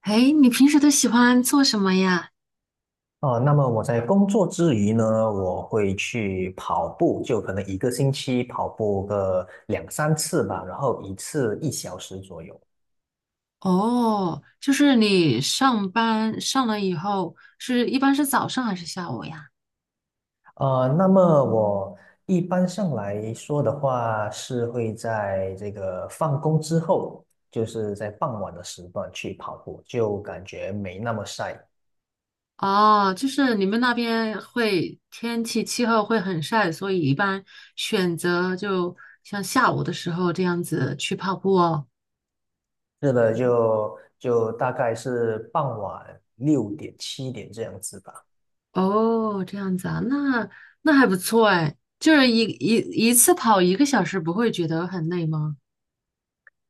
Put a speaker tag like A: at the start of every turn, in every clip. A: 哎，你平时都喜欢做什么呀？
B: 哦，那么我在工作之余呢，我会去跑步，就可能一个星期跑步个两三次吧，然后一次一小时左右。
A: 哦，就是你上班上了以后，是一般是早上还是下午呀？
B: 那么我一般上来说的话，是会在这个放工之后，就是在傍晚的时段去跑步，就感觉没那么晒。
A: 哦，就是你们那边会天气气候会很晒，所以一般选择就像下午的时候这样子去跑步哦。
B: 是的，就大概是傍晚六点七点这样子吧。
A: 哦，这样子啊，那还不错哎，就是一次跑一个小时，不会觉得很累吗？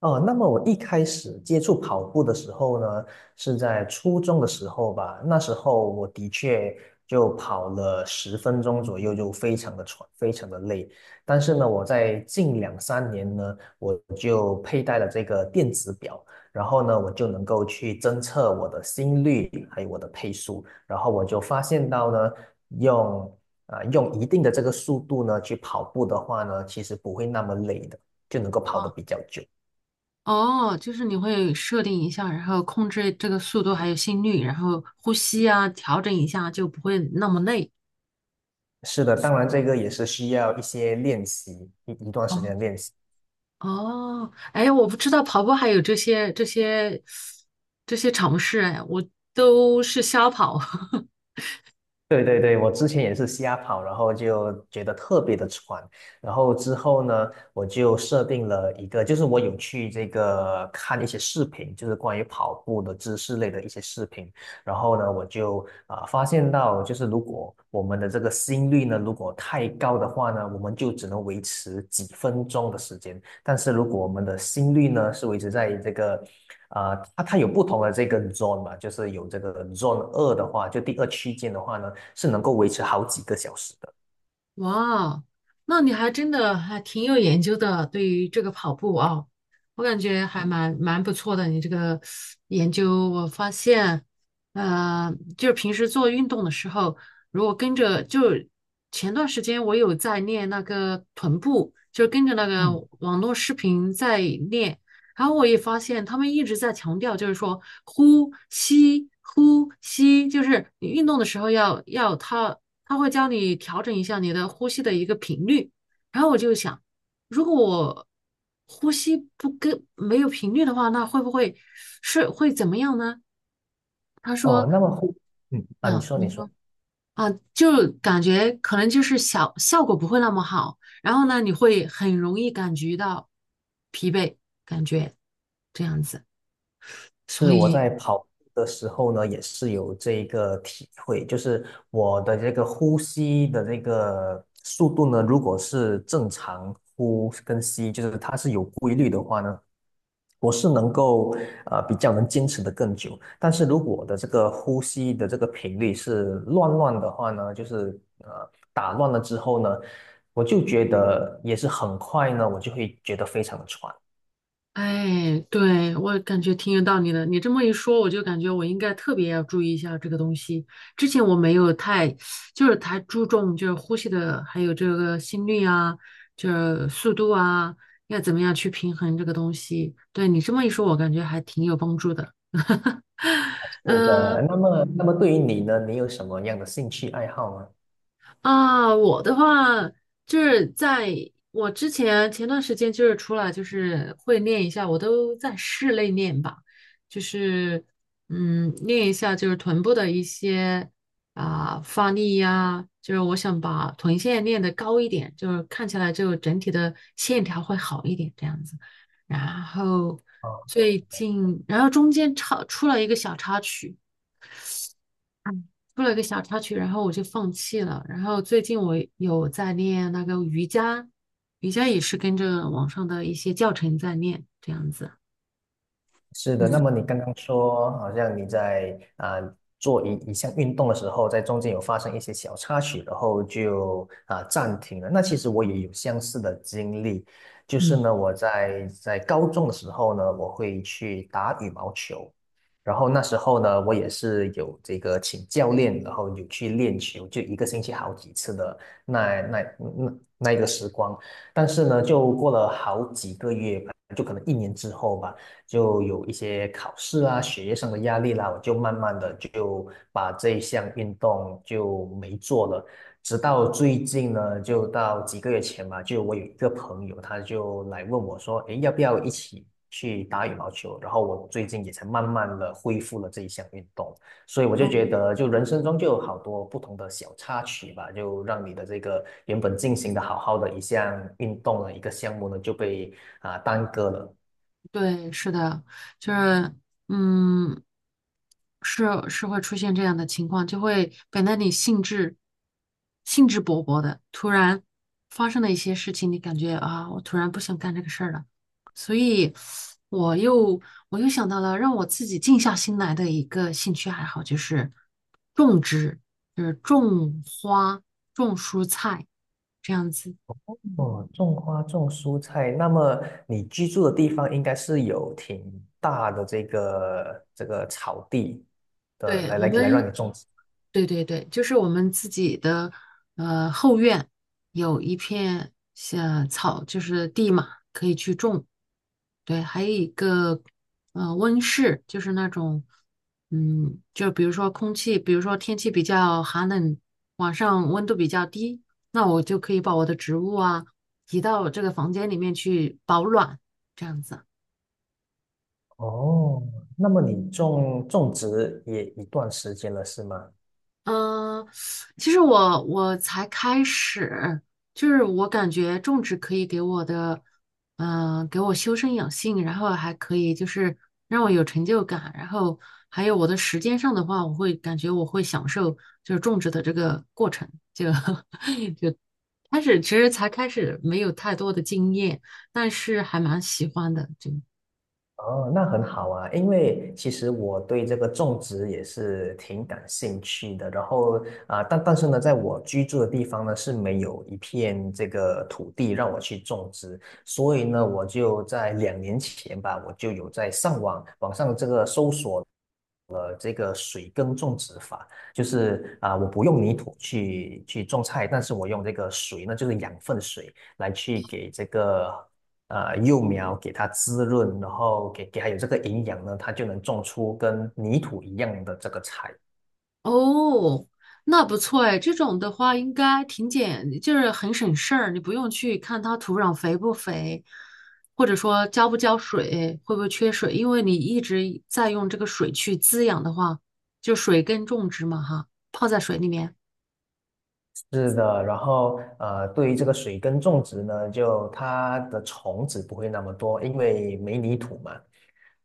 B: 哦，那么我一开始接触跑步的时候呢，是在初中的时候吧。那时候我的确就跑了10分钟左右，就非常的喘，非常的累。但是呢，我在近两三年呢，我就佩戴了这个电子表，然后呢，我就能够去侦测我的心率，还有我的配速。然后我就发现到呢，用用一定的这个速度呢去跑步的话呢，其实不会那么累的，就能够跑得
A: 哦。
B: 比较久。
A: 哦，就是你会设定一下，然后控制这个速度还有心率，然后呼吸啊，调整一下就不会那么累。
B: 是的，当然这个也是需要一些练习，一段时间
A: 哦，
B: 的练习。
A: 哦，哎，我不知道跑步还有这些尝试，哎，我都是瞎跑。
B: 对对对，我之前也是瞎跑，然后就觉得特别的喘，然后之后呢，我就设定了一个，就是我有去这个看一些视频，就是关于跑步的知识类的一些视频，然后呢，我就发现到，就是如果我们的这个心率呢，如果太高的话呢，我们就只能维持几分钟的时间，但是如果我们的心率呢是维持在这个，它有不同的这个 zone 嘛，就是有这个 zone 二的话，就第二区间的话呢，是能够维持好几个小时的。
A: 哇，那你还真的还挺有研究的，对于这个跑步啊，我感觉还蛮不错的。你这个研究，我发现，呃，就是平时做运动的时候，如果跟着，就前段时间我有在练那个臀部，就是跟着那个
B: 嗯，
A: 网络视频在练，然后我也发现他们一直在强调，就是说呼吸呼吸，就是你运动的时候要要它他会教你调整一下你的呼吸的一个频率。然后我就想，如果我呼吸不跟没有频率的话，那会不会是会怎么样呢？他
B: 哦，
A: 说，
B: 那么呼，你
A: 嗯
B: 说你说，
A: 就感觉可能就是小，效果不会那么好。然后呢，你会很容易感觉到疲惫，感觉这样子。所
B: 是我
A: 以
B: 在跑步的时候呢，也是有这一个体会，就是我的这个呼吸的这个速度呢，如果是正常呼跟吸，就是它是有规律的话呢。我是能够比较能坚持的更久，但是如果我的这个呼吸的这个频率是乱乱的话呢，就是打乱了之后呢，我就觉得也是很快呢，我就会觉得非常的喘。
A: 哎，对，我感觉挺有道理的。你这么一说，我就感觉我应该特别要注意一下这个东西。之前我没有就是太注重就是呼吸的，还有这个心率啊，就是速度啊，要怎么样去平衡这个东西。对你这么一说，我感觉还挺有帮助的。
B: 是
A: 嗯。
B: 的，那么对于你呢，你有什么样的兴趣爱好吗？
A: 啊，我的话就是在我之前前段时间就是出来就是会练一下，我都在室内练吧，就是练一下就是臀部的一些发力呀，就是我想把臀线练得高一点，就是看起来就整体的线条会好一点这样子。然后
B: 啊
A: 最近，然后中间插出了一个小插曲。出了个小插曲，然后我就放弃了。然后最近我有在练那个瑜伽，瑜伽也是跟着网上的一些教程在练，这样子。
B: 是的，那
A: 嗯
B: 么你刚刚说，好像你在做一项运动的时候，在中间有发生一些小插曲，然后就暂停了。那其实我也有相似的经历，就是
A: 嗯，
B: 呢，我在高中的时候呢，我会去打羽毛球，然后那时候呢，我也是有这个请教练，然后有去练球，就一个星期好几次的那一个时光。但是呢，就过了好几个月吧，就可能一年之后吧。就有一些考试啊、学业上的压力啦，我就慢慢的就把这一项运动就没做了。直到最近呢，就到几个月前吧，就我有一个朋友，他就来问我说：“诶，要不要一起去打羽毛球？”然后我最近也才慢慢的恢复了这一项运动，所以我就觉得，就人生中就有好多不同的小插曲吧，就让你的这个原本进行的好好的一项运动的一个项目呢，就被耽搁了。
A: 对，是的，就是，嗯，是是会出现这样的情况，就会本来你兴致勃勃的，突然发生了一些事情，你感觉啊，我突然不想干这个事儿了，所以我又我又想到了让我自己静下心来的一个兴趣爱好，就是种植，就是种花、种蔬菜这样子。
B: 哦，种花种蔬菜，那么你居住的地方应该是有挺大的这个草地的，
A: 对，我
B: 来来来让
A: 们。
B: 你种植。
A: 对对对，就是我们自己的后院有一片像草，就是地嘛，可以去种。对，还有一个温室，就是那种就比如说空气，比如说天气比较寒冷，晚上温度比较低，那我就可以把我的植物啊移到这个房间里面去保暖，这样子。
B: 哦，那么你种植也一段时间了，是吗？
A: 嗯，其实我才开始，就是我感觉种植可以给我的，给我修身养性，然后还可以就是让我有成就感，然后还有我的时间上的话，我会感觉我会享受就是种植的这个过程。就 开始其实才开始没有太多的经验，但是还蛮喜欢的，就
B: 哦，那很好啊，因为其实我对这个种植也是挺感兴趣的。然后但是呢，在我居住的地方呢是没有一片这个土地让我去种植，所以呢，我就在2年前吧，我就有在网上这个搜索了这个水耕种植法，就是我不用泥土去种菜，但是我用这个水呢，就是养分水来去给这个。幼苗给它滋润，然后给它有这个营养呢，它就能种出跟泥土一样的这个菜。
A: 哦，那不错哎，这种的话应该就是很省事儿，你不用去看它土壤肥不肥，或者说浇不浇水，会不会缺水，因为你一直在用这个水去滋养的话，就水根种植嘛哈，泡在水里面。
B: 是的，然后对于这个水耕种植呢，就它的虫子不会那么多，因为没泥土嘛。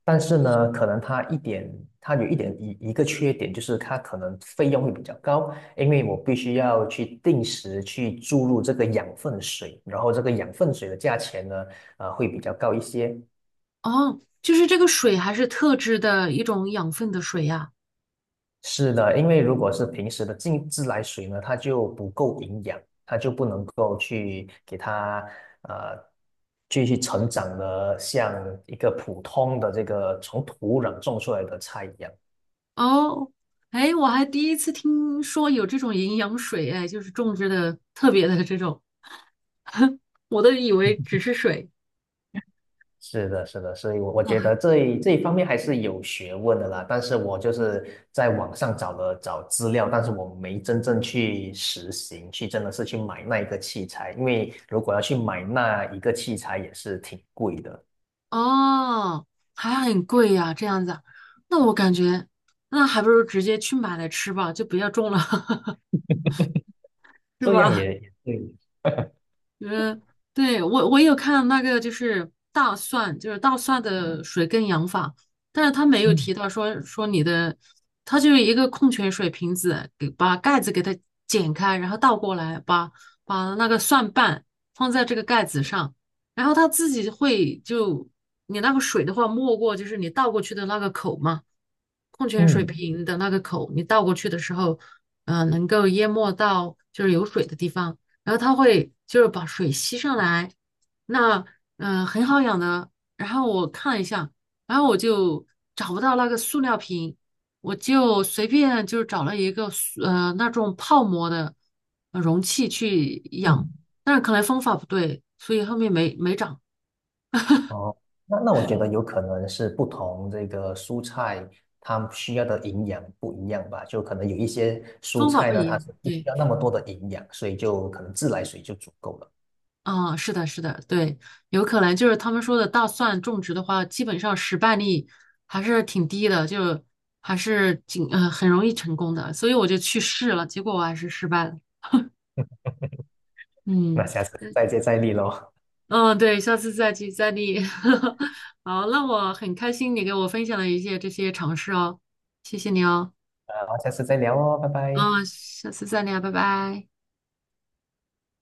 B: 但是呢，可能它一点，它有一点一个缺点，就是它可能费用会比较高，因为我必须要去定时去注入这个养分水，然后这个养分水的价钱呢，会比较高一些。
A: 哦，就是这个水还是特制的一种养分的水呀。
B: 是的，因为如果是平时的静自来水呢，它就不够营养，它就不能够去给它呃继续成长的像一个普通的这个从土壤种出来的菜一样。
A: 哦，哎，我还第一次听说有这种营养水哎，就是种植的特别的这种，我都以为只是水。
B: 是的，是的，所以我觉得这一方面还是有学问的啦。但是我就是在网上找了找资料，但是我没真正去实行，去真的是去买那一个器材，因为如果要去买那一个器材也是挺贵的。
A: 哦，还很贵呀，这样子啊那我感觉那还不如直接去买来吃吧，就不要种了，是
B: 这样
A: 吧？
B: 也对，
A: 就是对我有看那个就是大蒜，就是大蒜的水耕养法，但是他没有
B: 嗯
A: 提到说你的，他就是一个矿泉水瓶子，把盖子给它剪开，然后倒过来，把那个蒜瓣放在这个盖子上，然后它自己会就你那个水的话没过就是你倒过去的那个口嘛，矿泉水
B: 嗯
A: 瓶的那个口，你倒过去的时候，能够淹没到就是有水的地方。然后它会就是把水吸上来，那很好养的。然后我看了一下，然后我就找不到那个塑料瓶，我就随便就找了一个那种泡沫的容器去养，
B: 嗯，
A: 但是可能方法不对，所以后面没长，
B: 哦，那我觉得有可能是不同这个蔬菜它需要的营养不一样吧，就可能有一些蔬
A: 方法
B: 菜
A: 不
B: 呢，
A: 一
B: 它
A: 样，
B: 是不需
A: 对。
B: 要那么多的营养，所以就可能自来水就足够了。
A: 啊，是的，是的，对，有可能就是他们说的大蒜种植的话，基本上失败率还是挺低的，就还是很容易成功的，所以我就去试了，结果我还是失败了。
B: 那
A: 嗯
B: 下次再接再厉喽，
A: 嗯，对，下次再接再厉。好，那我很开心你给我分享了一些这些尝试哦，谢谢你哦。
B: 好，下次再聊哦，拜拜。
A: 嗯，下次再聊，拜拜。